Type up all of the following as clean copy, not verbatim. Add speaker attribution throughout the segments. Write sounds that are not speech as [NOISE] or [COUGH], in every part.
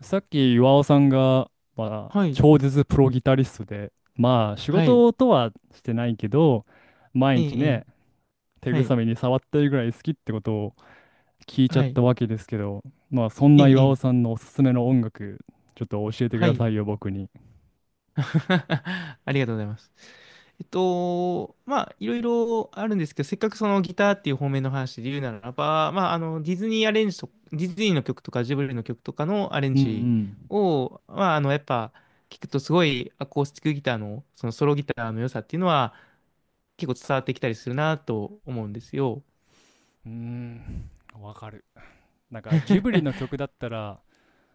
Speaker 1: さっき岩尾さんが、まあ、
Speaker 2: はい、
Speaker 1: 超絶プロギタリストで、まあ仕
Speaker 2: はい、
Speaker 1: 事とはしてないけど、毎
Speaker 2: ええ、
Speaker 1: 日
Speaker 2: え
Speaker 1: ね、
Speaker 2: え
Speaker 1: 手
Speaker 2: は
Speaker 1: ぐさ
Speaker 2: い、
Speaker 1: みに触ってるぐらい好きってことを聞いちゃ
Speaker 2: は
Speaker 1: っ
Speaker 2: い、
Speaker 1: たわけですけど、まあそん
Speaker 2: え
Speaker 1: な岩尾
Speaker 2: え、え
Speaker 1: さ
Speaker 2: え
Speaker 1: んのおすすめの音楽、ちょっと教えてく
Speaker 2: は
Speaker 1: だ
Speaker 2: い。
Speaker 1: さいよ、僕に。
Speaker 2: [LAUGHS] ありがとうございます。まあ、いろいろあるんですけど、せっかくそのギターっていう方面の話で言うならば、まあ、あの、ディズニーアレンジと、ディズニーの曲とかジブリの曲とかのアレン
Speaker 1: う
Speaker 2: ジ
Speaker 1: ん
Speaker 2: を、まあ、あの、やっぱ、聞くとすごいアコースティックギターの、そのソロギターの良さっていうのは結構伝わってきたりするなと思うんですよ。
Speaker 1: うん。うーん、わかる。なんかジブリの
Speaker 2: [LAUGHS]
Speaker 1: 曲だったら、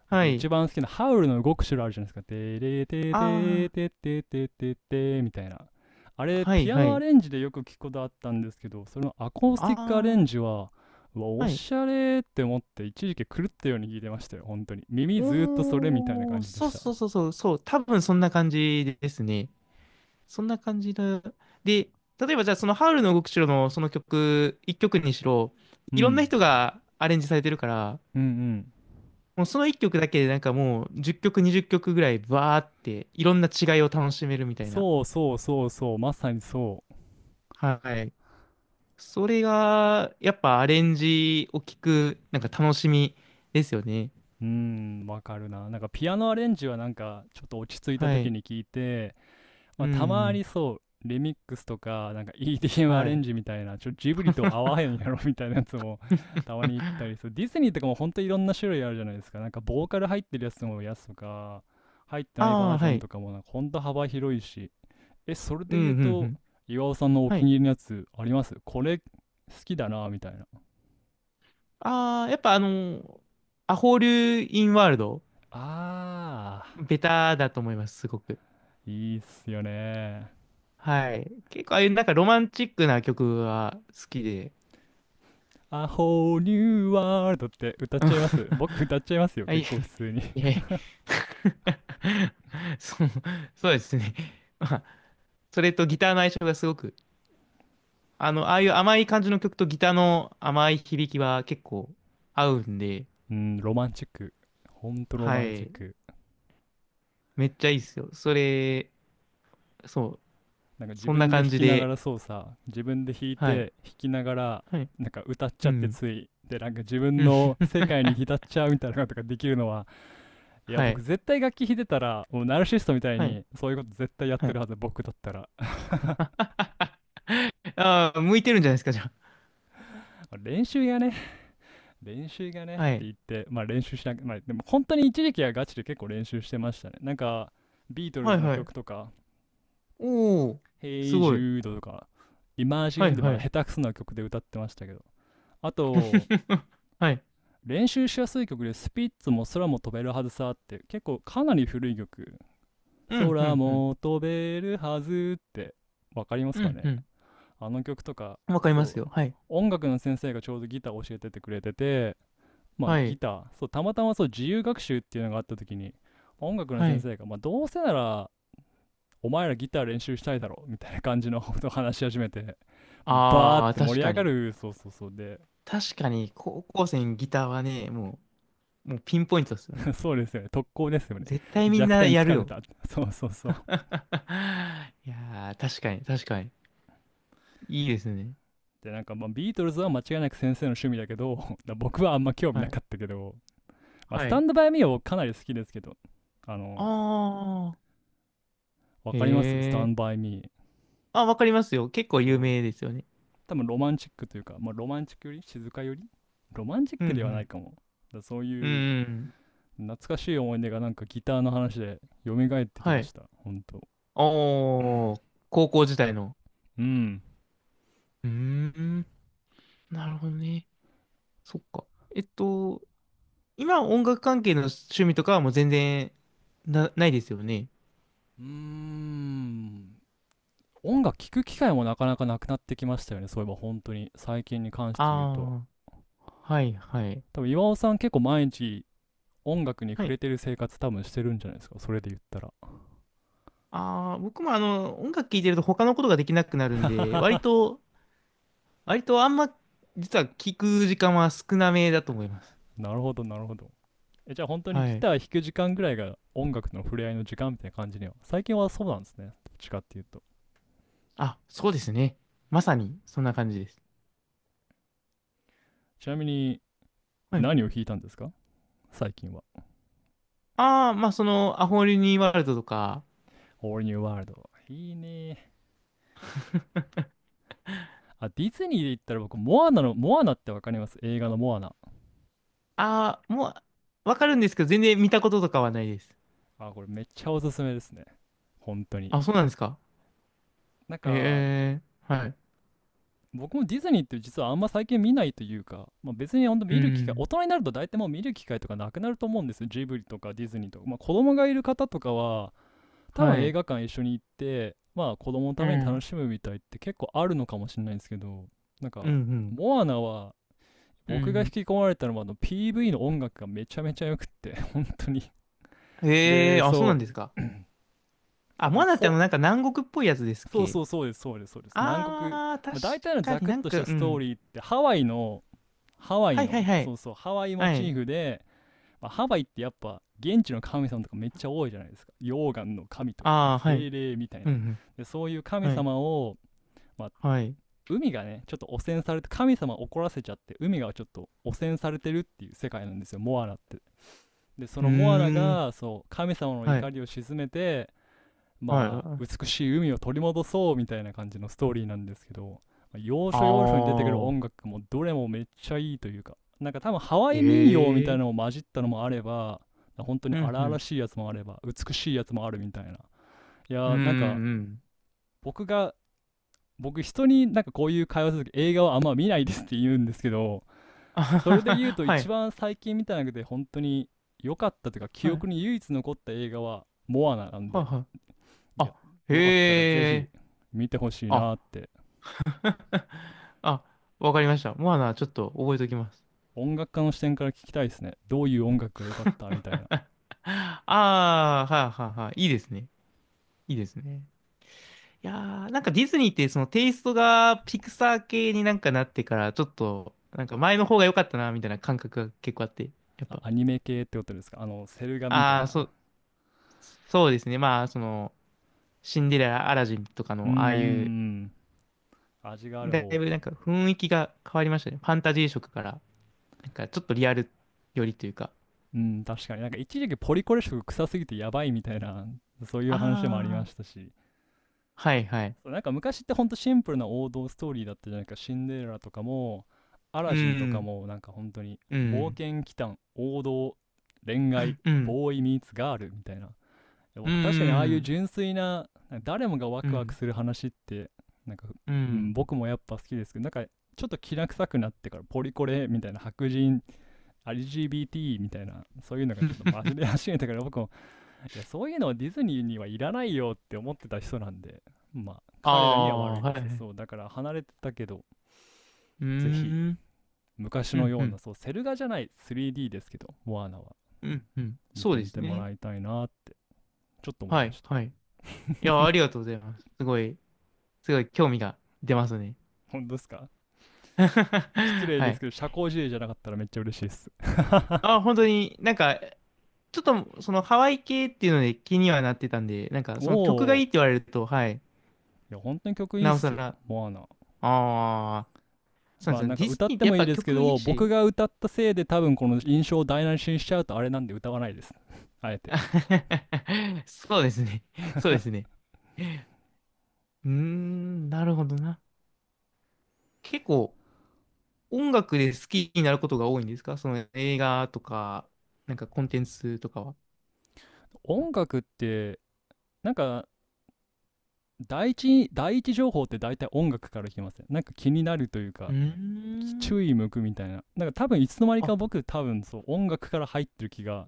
Speaker 2: は
Speaker 1: 僕
Speaker 2: い。
Speaker 1: 一番好きなハウルの動く城あるじゃないですか。てれてて
Speaker 2: あ
Speaker 1: てててててみたいな。あ
Speaker 2: あ、
Speaker 1: れ、
Speaker 2: はい、
Speaker 1: ピア
Speaker 2: は
Speaker 1: ノア
Speaker 2: い。
Speaker 1: レンジでよく聞くことあったんですけど、それのアコースティックアレン
Speaker 2: あ
Speaker 1: ジ
Speaker 2: あ。
Speaker 1: は、うわ、お
Speaker 2: はい。
Speaker 1: しゃれって思って、一時期狂ったように聞いてましたよ、本当に。耳ずーっとそれみたいな
Speaker 2: おー、
Speaker 1: 感じで
Speaker 2: そう
Speaker 1: した。
Speaker 2: そうそうそう、そう、多分そんな感じですね。そんな感じだ。で、例えばじゃあそのハウルの動く城のその曲、一曲にしろ、
Speaker 1: う
Speaker 2: いろんな
Speaker 1: ん。
Speaker 2: 人がアレンジされてるから、
Speaker 1: うんうん。
Speaker 2: もうその一曲だけでなんかもう10曲、20曲ぐらいバーっていろんな違いを楽しめるみたいな。
Speaker 1: そうそうそうそう、まさにそう。
Speaker 2: はい。それが、やっぱアレンジを聞く、なんか楽しみですよね。
Speaker 1: うーん、わかるな。なんかピアノアレンジはなんか、ちょっと落ち着いた
Speaker 2: は
Speaker 1: 時
Speaker 2: い。
Speaker 1: に聞いて、
Speaker 2: う
Speaker 1: まあ、たま
Speaker 2: ん。
Speaker 1: にそう、リミックスとか、なんか EDM ア
Speaker 2: は
Speaker 1: レン
Speaker 2: い。
Speaker 1: ジみたいな、ちょ、ジブリと合わへんやろみたいなやつもたまに行ったり
Speaker 2: あ
Speaker 1: する。ディズニーとかも本当いろんな種類あるじゃないですか。なんかボーカル入ってるやつとか、入ってないバー
Speaker 2: あ、
Speaker 1: ジョ
Speaker 2: は
Speaker 1: ン
Speaker 2: い。
Speaker 1: とかもなんか本当幅広いし。え、それ
Speaker 2: う
Speaker 1: で
Speaker 2: ん、
Speaker 1: 言う
Speaker 2: うん、う
Speaker 1: と、
Speaker 2: ん。
Speaker 1: 岩尾さんのお
Speaker 2: は
Speaker 1: 気に
Speaker 2: い。
Speaker 1: 入りのやつありますこれ好きだなみたいな。
Speaker 2: ああ、やっぱあの、アホールインワールド、
Speaker 1: あ
Speaker 2: ベタだと思います、すごく。
Speaker 1: ー、いいっすよね。
Speaker 2: はい。結構ああいうなんかロマンチックな曲は好きで。
Speaker 1: A whole new world って歌っちゃいます僕歌っちゃいますよ、
Speaker 2: あ、い
Speaker 1: 結構普通に。
Speaker 2: え、いえ。[LAUGHS] そう、そうですね。まあ、それとギターの相性がすごく、あの、ああいう甘い感じの曲とギターの甘い響きは結構合うんで、
Speaker 1: うん、ロマンチック。ほんとロ
Speaker 2: は
Speaker 1: マンチッ
Speaker 2: い。
Speaker 1: ク。
Speaker 2: めっちゃいいですよ。それ、そう、
Speaker 1: なんか
Speaker 2: そんな感じで、
Speaker 1: 自分で弾い
Speaker 2: はい。
Speaker 1: て弾きながら、
Speaker 2: はい。
Speaker 1: なんか歌っち
Speaker 2: う
Speaker 1: ゃって
Speaker 2: ん。
Speaker 1: つい。で、なんか自分
Speaker 2: うん。
Speaker 1: の世
Speaker 2: [LAUGHS]
Speaker 1: 界に浸っちゃうみたいなことができるのは、いや、
Speaker 2: は
Speaker 1: 僕
Speaker 2: い。
Speaker 1: 絶対楽器弾いてたら、もうナルシストみたい
Speaker 2: はい。
Speaker 1: にそういうこと絶対やっ
Speaker 2: は
Speaker 1: て
Speaker 2: い。
Speaker 1: るはず、僕だったら。[LAUGHS]
Speaker 2: ああ、向いてるんじゃないですか、じゃ
Speaker 1: 練習がね、練習がねっ
Speaker 2: あ。
Speaker 1: て
Speaker 2: はい。
Speaker 1: 言って、まあ練習しなく、まあでも本当に一時期はガチで結構練習してましたね。なんか、ビートル
Speaker 2: は
Speaker 1: ズ
Speaker 2: い
Speaker 1: の
Speaker 2: はい。
Speaker 1: 曲とか、
Speaker 2: おお、す
Speaker 1: Hey
Speaker 2: ごい。
Speaker 1: Jude とか
Speaker 2: は
Speaker 1: Imagine
Speaker 2: い
Speaker 1: でま
Speaker 2: は
Speaker 1: だ
Speaker 2: い。
Speaker 1: 下手くそな曲で歌ってましたけど、あと
Speaker 2: [LAUGHS] はい。
Speaker 1: 練習しやすい曲でスピッツも空も飛べるはずさって、結構かなり古い曲、
Speaker 2: うん、う
Speaker 1: 空
Speaker 2: ん、うん。
Speaker 1: も飛べるはずってわかります
Speaker 2: う
Speaker 1: か
Speaker 2: ん、
Speaker 1: ね。
Speaker 2: うん。
Speaker 1: あの曲とか。
Speaker 2: わかります
Speaker 1: そ
Speaker 2: よ。
Speaker 1: う、
Speaker 2: はい。
Speaker 1: 音楽の先生がちょうどギターを教えててくれてて、まあ
Speaker 2: は
Speaker 1: ギ
Speaker 2: い。
Speaker 1: ター、そうたまたまそう自由学習っていうのがあった時に、音楽の
Speaker 2: は
Speaker 1: 先
Speaker 2: い。
Speaker 1: 生が、まあ、どうせならお前らギター練習したいだろみたいな感じのことを話し始めて、バー
Speaker 2: あ
Speaker 1: っ
Speaker 2: あ、
Speaker 1: て
Speaker 2: 確
Speaker 1: 盛り
Speaker 2: か
Speaker 1: 上が
Speaker 2: に。
Speaker 1: る、そうそうそうで、
Speaker 2: 確かに、高校生にギターはね、もうピンポイントですよね。
Speaker 1: [LAUGHS] そうですよね、特攻ですよね。
Speaker 2: 絶対みん
Speaker 1: 弱
Speaker 2: な
Speaker 1: 点
Speaker 2: やる
Speaker 1: 疲れ
Speaker 2: よ。
Speaker 1: た。[LAUGHS] そうそうそう。
Speaker 2: [LAUGHS] いやー、確かに、確かに。いいですね。
Speaker 1: で、なんかまあビートルズは間違いなく先生の趣味だけど、[LAUGHS] 僕はあんま興味
Speaker 2: は
Speaker 1: な
Speaker 2: い。
Speaker 1: かったけど、まあ、ス
Speaker 2: は
Speaker 1: タ
Speaker 2: い。
Speaker 1: ンドバイミーはかなり好きですけど、あの、
Speaker 2: ああ、
Speaker 1: わ
Speaker 2: へ
Speaker 1: かりますスタ
Speaker 2: え。
Speaker 1: ンドバイミー。
Speaker 2: あ、わかりますよ。結構
Speaker 1: そ
Speaker 2: 有
Speaker 1: う。
Speaker 2: 名ですよね。
Speaker 1: 多分ロマンチックというか、まあ、ロマンチックより静かより、ロマンチッ
Speaker 2: うん、う
Speaker 1: クではない
Speaker 2: ん。
Speaker 1: かも。だそう
Speaker 2: う
Speaker 1: いう
Speaker 2: ん。
Speaker 1: 懐かしい思い出がなんかギターの話で蘇ってき
Speaker 2: は
Speaker 1: ま
Speaker 2: い。
Speaker 1: した。本当。
Speaker 2: おー、高校時代の。
Speaker 1: うん。
Speaker 2: うーん。なるほどね。そっか。えっと、今音楽関係の趣味とかはもう全然な、ないですよね。
Speaker 1: うーん、音楽聴く機会もなかなかなくなってきましたよね、そういえば本当に最近に関し
Speaker 2: あ
Speaker 1: て言うと。
Speaker 2: あ、はいはい。
Speaker 1: 多分岩尾さん結構毎日音楽に
Speaker 2: は
Speaker 1: 触
Speaker 2: い。
Speaker 1: れてる生活多分してるんじゃないですかそれで言ったら。
Speaker 2: ああ、僕もあの、音楽聴いてると他のことができなくなるんで、割
Speaker 1: [LAUGHS]
Speaker 2: と、割とあんま、実は聴く時間は少なめだと思います。
Speaker 1: なるほどなるほど。え、じゃあ本当に
Speaker 2: は
Speaker 1: ギ
Speaker 2: い。
Speaker 1: ター弾く時間ぐらいが音楽との触れ合いの時間みたいな感じには最近はそうなんですね、どっちかっていうと。
Speaker 2: あ、そうですね。まさに、そんな感じです。
Speaker 1: ちなみに
Speaker 2: はい。
Speaker 1: 何を弾いたんですか、最近は。
Speaker 2: ああ、まあ、その、アホリニーワールドとか、
Speaker 1: All New World、 いいね。あ、ディズニーで言ったら僕モアナの、モアナってわかります、映画のモアナ。
Speaker 2: ああ、もう、わかるんですけど、全然見たこととかはないです。
Speaker 1: あ、これめっちゃおすすめですね、本当に
Speaker 2: あ、そうなんですか。
Speaker 1: なん
Speaker 2: え
Speaker 1: か。
Speaker 2: えはい。
Speaker 1: 僕もディズニーって実はあんま最近見ないというか、まあ、別に本当
Speaker 2: う
Speaker 1: 見る機会、大
Speaker 2: ん。
Speaker 1: 人になると大体もう見る機会とかなくなると思うんですよ、ジブリとかディズニーとか。まあ、子供がいる方とかは多
Speaker 2: は
Speaker 1: 分映
Speaker 2: い。
Speaker 1: 画館一緒に行ってまあ子供の
Speaker 2: う
Speaker 1: ために
Speaker 2: ん。
Speaker 1: 楽しむみたいって結構あるのかもしれないんですけど、なん
Speaker 2: うん、う
Speaker 1: か
Speaker 2: ん。
Speaker 1: モアナは、
Speaker 2: う
Speaker 1: 僕が引
Speaker 2: ん。
Speaker 1: き込まれたのはあの PV の音楽がめちゃめちゃ良くって。 [LAUGHS] 本当に。 [LAUGHS]
Speaker 2: え
Speaker 1: で
Speaker 2: え、あ、そうなん
Speaker 1: そ
Speaker 2: ですか。
Speaker 1: う [CLEARS THROAT] [LAUGHS] あ
Speaker 2: あ、
Speaker 1: で
Speaker 2: モ
Speaker 1: も
Speaker 2: アナってあ
Speaker 1: ほ、
Speaker 2: の、なんか南国っぽいやつですっ
Speaker 1: そう
Speaker 2: け？
Speaker 1: そう、そうです、そうです、そうです南国、
Speaker 2: ああー、
Speaker 1: まあ、大体の
Speaker 2: 確か
Speaker 1: ザ
Speaker 2: に
Speaker 1: クッ
Speaker 2: なん
Speaker 1: とした
Speaker 2: か、う
Speaker 1: ストー
Speaker 2: ん。
Speaker 1: リーってハワイの、
Speaker 2: はいはいはい。
Speaker 1: ハワイモ
Speaker 2: は
Speaker 1: チ
Speaker 2: い。
Speaker 1: ーフで、まあ、ハワイってやっぱ現地の神様とかめっちゃ多いじゃないですか、溶岩の神とか
Speaker 2: ああ、はい。
Speaker 1: 精霊みたいな。
Speaker 2: うん、うん。
Speaker 1: でそういう神
Speaker 2: はい。
Speaker 1: 様を、まあ、
Speaker 2: はい。
Speaker 1: 海がねちょっと汚染されて神様を怒らせちゃって、海がちょっと汚染されてるっていう世界なんですよ、モアナって。でそ
Speaker 2: う
Speaker 1: のモアナ
Speaker 2: ーん。
Speaker 1: がそう神様の
Speaker 2: はい。
Speaker 1: 怒りを鎮めて、
Speaker 2: は
Speaker 1: まあ、
Speaker 2: い。
Speaker 1: 美しい海を取り戻そうみたいな感じのストーリーなんですけど、要
Speaker 2: あ
Speaker 1: 所要所に出てくる
Speaker 2: あ、
Speaker 1: 音楽もどれもめっちゃいいというか、なんか多分ハワイ民謡みたいな
Speaker 2: え
Speaker 1: の
Speaker 2: え。
Speaker 1: も混じったのもあれば、本当
Speaker 2: う
Speaker 1: に
Speaker 2: ん、
Speaker 1: 荒
Speaker 2: う
Speaker 1: 々
Speaker 2: ん。
Speaker 1: しいやつもあれば、美しいやつもあるみたいな。いや
Speaker 2: うん、
Speaker 1: ー、なんか
Speaker 2: うん。
Speaker 1: 僕が、僕人になんかこういう会話するとき映画はあんま見ないですって言うんですけど、
Speaker 2: [LAUGHS] あは
Speaker 1: そ
Speaker 2: は
Speaker 1: れで言う
Speaker 2: は、
Speaker 1: と
Speaker 2: は
Speaker 1: 一
Speaker 2: い。
Speaker 1: 番最近見た中で本当に良かったというか記憶に唯一残った映画はモアナなん
Speaker 2: はい
Speaker 1: で、
Speaker 2: はい。
Speaker 1: いや、
Speaker 2: あ、
Speaker 1: よかったらぜ
Speaker 2: へ
Speaker 1: ひ
Speaker 2: え。
Speaker 1: 見てほしい
Speaker 2: あ、
Speaker 1: なって。
Speaker 2: [LAUGHS] あ、わかりました。モアナ、ちょっと覚えておきます。
Speaker 1: 音楽家の視点から聞きたいですね。どういう音楽が良かったみたいな。
Speaker 2: [LAUGHS] ああ、はいはいはい。いいですね。いいですね。いやー、なんかディズニーってそのテイストがピクサー系になんかなってから、ちょっと、なんか前の方が良かったな、みたいな感覚が結構あって、やっ
Speaker 1: あ、
Speaker 2: ぱ。
Speaker 1: アニメ系ってことですか、あの、セル画みたい
Speaker 2: ああ、そ
Speaker 1: な。
Speaker 2: う、そうですね。まあ、その、シンデレラ、アラジンとか
Speaker 1: うんうん
Speaker 2: の、
Speaker 1: う
Speaker 2: ああいう、
Speaker 1: ん。味がある
Speaker 2: だ
Speaker 1: 方。
Speaker 2: いぶなんか雰囲気が変わりましたね。ファンタジー色から。なんかちょっとリアルよりというか。
Speaker 1: うん、確かに。なんか一時期ポリコレ色臭すぎてやばいみたいな、そういう話もありま
Speaker 2: ああ、
Speaker 1: したし。
Speaker 2: はいはい。
Speaker 1: そう、なんか昔ってほんとシンプルな王道ストーリーだったじゃないか。シンデレラとかも、ア
Speaker 2: う
Speaker 1: ラジンとか
Speaker 2: ん、
Speaker 1: も、なんか本当に、
Speaker 2: う
Speaker 1: 冒
Speaker 2: ん、
Speaker 1: 険祈祷、王道、恋愛、
Speaker 2: うん、
Speaker 1: ボーイミーツガールみたいな。
Speaker 2: う
Speaker 1: 僕確かにああいう
Speaker 2: ん、
Speaker 1: 純粋な誰もがワ
Speaker 2: う
Speaker 1: クワク
Speaker 2: ん、
Speaker 1: する話って、なんか、
Speaker 2: う
Speaker 1: うん、
Speaker 2: ん。
Speaker 1: 僕もやっぱ好きですけど、なんかちょっときな臭くなってからポリコレみたいな、白人 LGBT みたいな、そういうのがちょっとマジで始めたから、僕もいやそういうのはディズニーにはいらないよって思ってた人なんで、まあ
Speaker 2: あ
Speaker 1: 彼らには悪
Speaker 2: あ、
Speaker 1: いで
Speaker 2: は
Speaker 1: す
Speaker 2: い
Speaker 1: け
Speaker 2: は
Speaker 1: ど、
Speaker 2: い。
Speaker 1: そうだから離れてたけど、
Speaker 2: うー
Speaker 1: ぜひ
Speaker 2: ん、
Speaker 1: 昔
Speaker 2: う
Speaker 1: の
Speaker 2: ん、
Speaker 1: よ
Speaker 2: う
Speaker 1: うな
Speaker 2: ん、
Speaker 1: そうセル画じゃない 3D ですけどモアナは
Speaker 2: うん、うん。
Speaker 1: 見
Speaker 2: そう
Speaker 1: て
Speaker 2: で
Speaker 1: み
Speaker 2: す
Speaker 1: ても
Speaker 2: ね。
Speaker 1: らいたいなちょっと思い
Speaker 2: は
Speaker 1: ま
Speaker 2: い、
Speaker 1: した。
Speaker 2: はい。いや、ありがとうございます。すごい興味が出ますね。
Speaker 1: [LAUGHS] 本当ですか。失
Speaker 2: [LAUGHS]
Speaker 1: 礼
Speaker 2: は
Speaker 1: です
Speaker 2: い。
Speaker 1: けど社交辞令じゃなかったらめっちゃ嬉しいです。 [LAUGHS]
Speaker 2: あ、本当になんか、ちょっとそのハワイ系っていうので気にはなってたんで、なんか
Speaker 1: お
Speaker 2: その曲がいい
Speaker 1: お、
Speaker 2: って言われると、はい、
Speaker 1: いや本当に曲いいっ
Speaker 2: なおさ
Speaker 1: す
Speaker 2: ら、
Speaker 1: よ
Speaker 2: あ
Speaker 1: モアナ。
Speaker 2: あ、そうで
Speaker 1: まあ
Speaker 2: すね。
Speaker 1: なんか
Speaker 2: ディズ
Speaker 1: 歌っ
Speaker 2: ニーっ
Speaker 1: て
Speaker 2: てやっ
Speaker 1: もいい
Speaker 2: ぱ
Speaker 1: ですけ
Speaker 2: 曲いい
Speaker 1: ど、僕
Speaker 2: し。
Speaker 1: が歌ったせいで多分この印象を台無しにしちゃうとあれなんで歌わないです。 [LAUGHS] あえて。
Speaker 2: [LAUGHS] そうですね。そうですね。うーん、なるほどな。結構音楽で好きになることが多いんですか、その映画とか、なんかコンテンツとかは。
Speaker 1: 音楽って、なんか第一情報って大体音楽から来ません、なんか気になるという
Speaker 2: う
Speaker 1: か、
Speaker 2: ーん。
Speaker 1: 注意向くみたいな。なんか多分いつの間に
Speaker 2: あ、
Speaker 1: か僕多分そう音楽から入ってる気が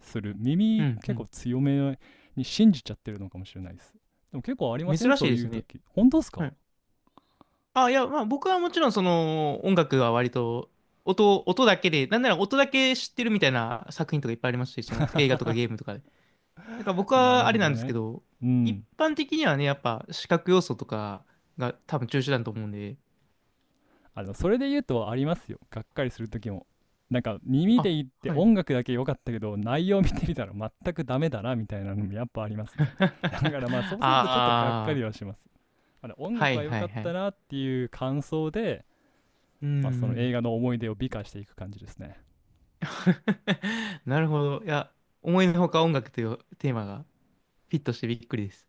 Speaker 1: する、
Speaker 2: う
Speaker 1: 耳
Speaker 2: んう
Speaker 1: 結構
Speaker 2: ん。
Speaker 1: 強めに信じちゃってるのかもしれないです。でも結構ありません、
Speaker 2: 珍し
Speaker 1: そ
Speaker 2: い
Speaker 1: う
Speaker 2: で
Speaker 1: い
Speaker 2: す
Speaker 1: う
Speaker 2: ね。
Speaker 1: 時、本当です
Speaker 2: は
Speaker 1: か。
Speaker 2: い。あ、いや、まあ僕はもちろんその音楽は割と音だけで、なんなら音だけ知ってるみたいな作品とかいっぱいありますし、その映画とかゲ
Speaker 1: [LAUGHS]
Speaker 2: ームとかで。だから僕
Speaker 1: な
Speaker 2: は
Speaker 1: る
Speaker 2: あ
Speaker 1: ほ
Speaker 2: れなん
Speaker 1: ど
Speaker 2: ですけ
Speaker 1: ね。
Speaker 2: ど、
Speaker 1: う
Speaker 2: 一
Speaker 1: ん、
Speaker 2: 般的にはね、やっぱ視覚要素とかが多分中心だと思うんで、
Speaker 1: あのそれで言うとありますよ、がっかりする時も。なんか耳で
Speaker 2: あ、
Speaker 1: 言って
Speaker 2: はい。
Speaker 1: 音楽だけ良かったけど内容見てみたら全くダメだなみたいなのもやっぱありますね。だ
Speaker 2: [LAUGHS]
Speaker 1: からまあそ
Speaker 2: あ
Speaker 1: うするとちょっとがっか
Speaker 2: あ、
Speaker 1: りはします、あの音
Speaker 2: は
Speaker 1: 楽
Speaker 2: い
Speaker 1: は良
Speaker 2: は
Speaker 1: か
Speaker 2: い
Speaker 1: っ
Speaker 2: は
Speaker 1: た
Speaker 2: い。
Speaker 1: なっていう感想で。
Speaker 2: うん
Speaker 1: まあ、そ
Speaker 2: う
Speaker 1: の映
Speaker 2: ん。
Speaker 1: 画の思い出を美化していく感じですね。
Speaker 2: [LAUGHS] なるほど。いや、思いのほか音楽というテーマがフィットしてびっくりです。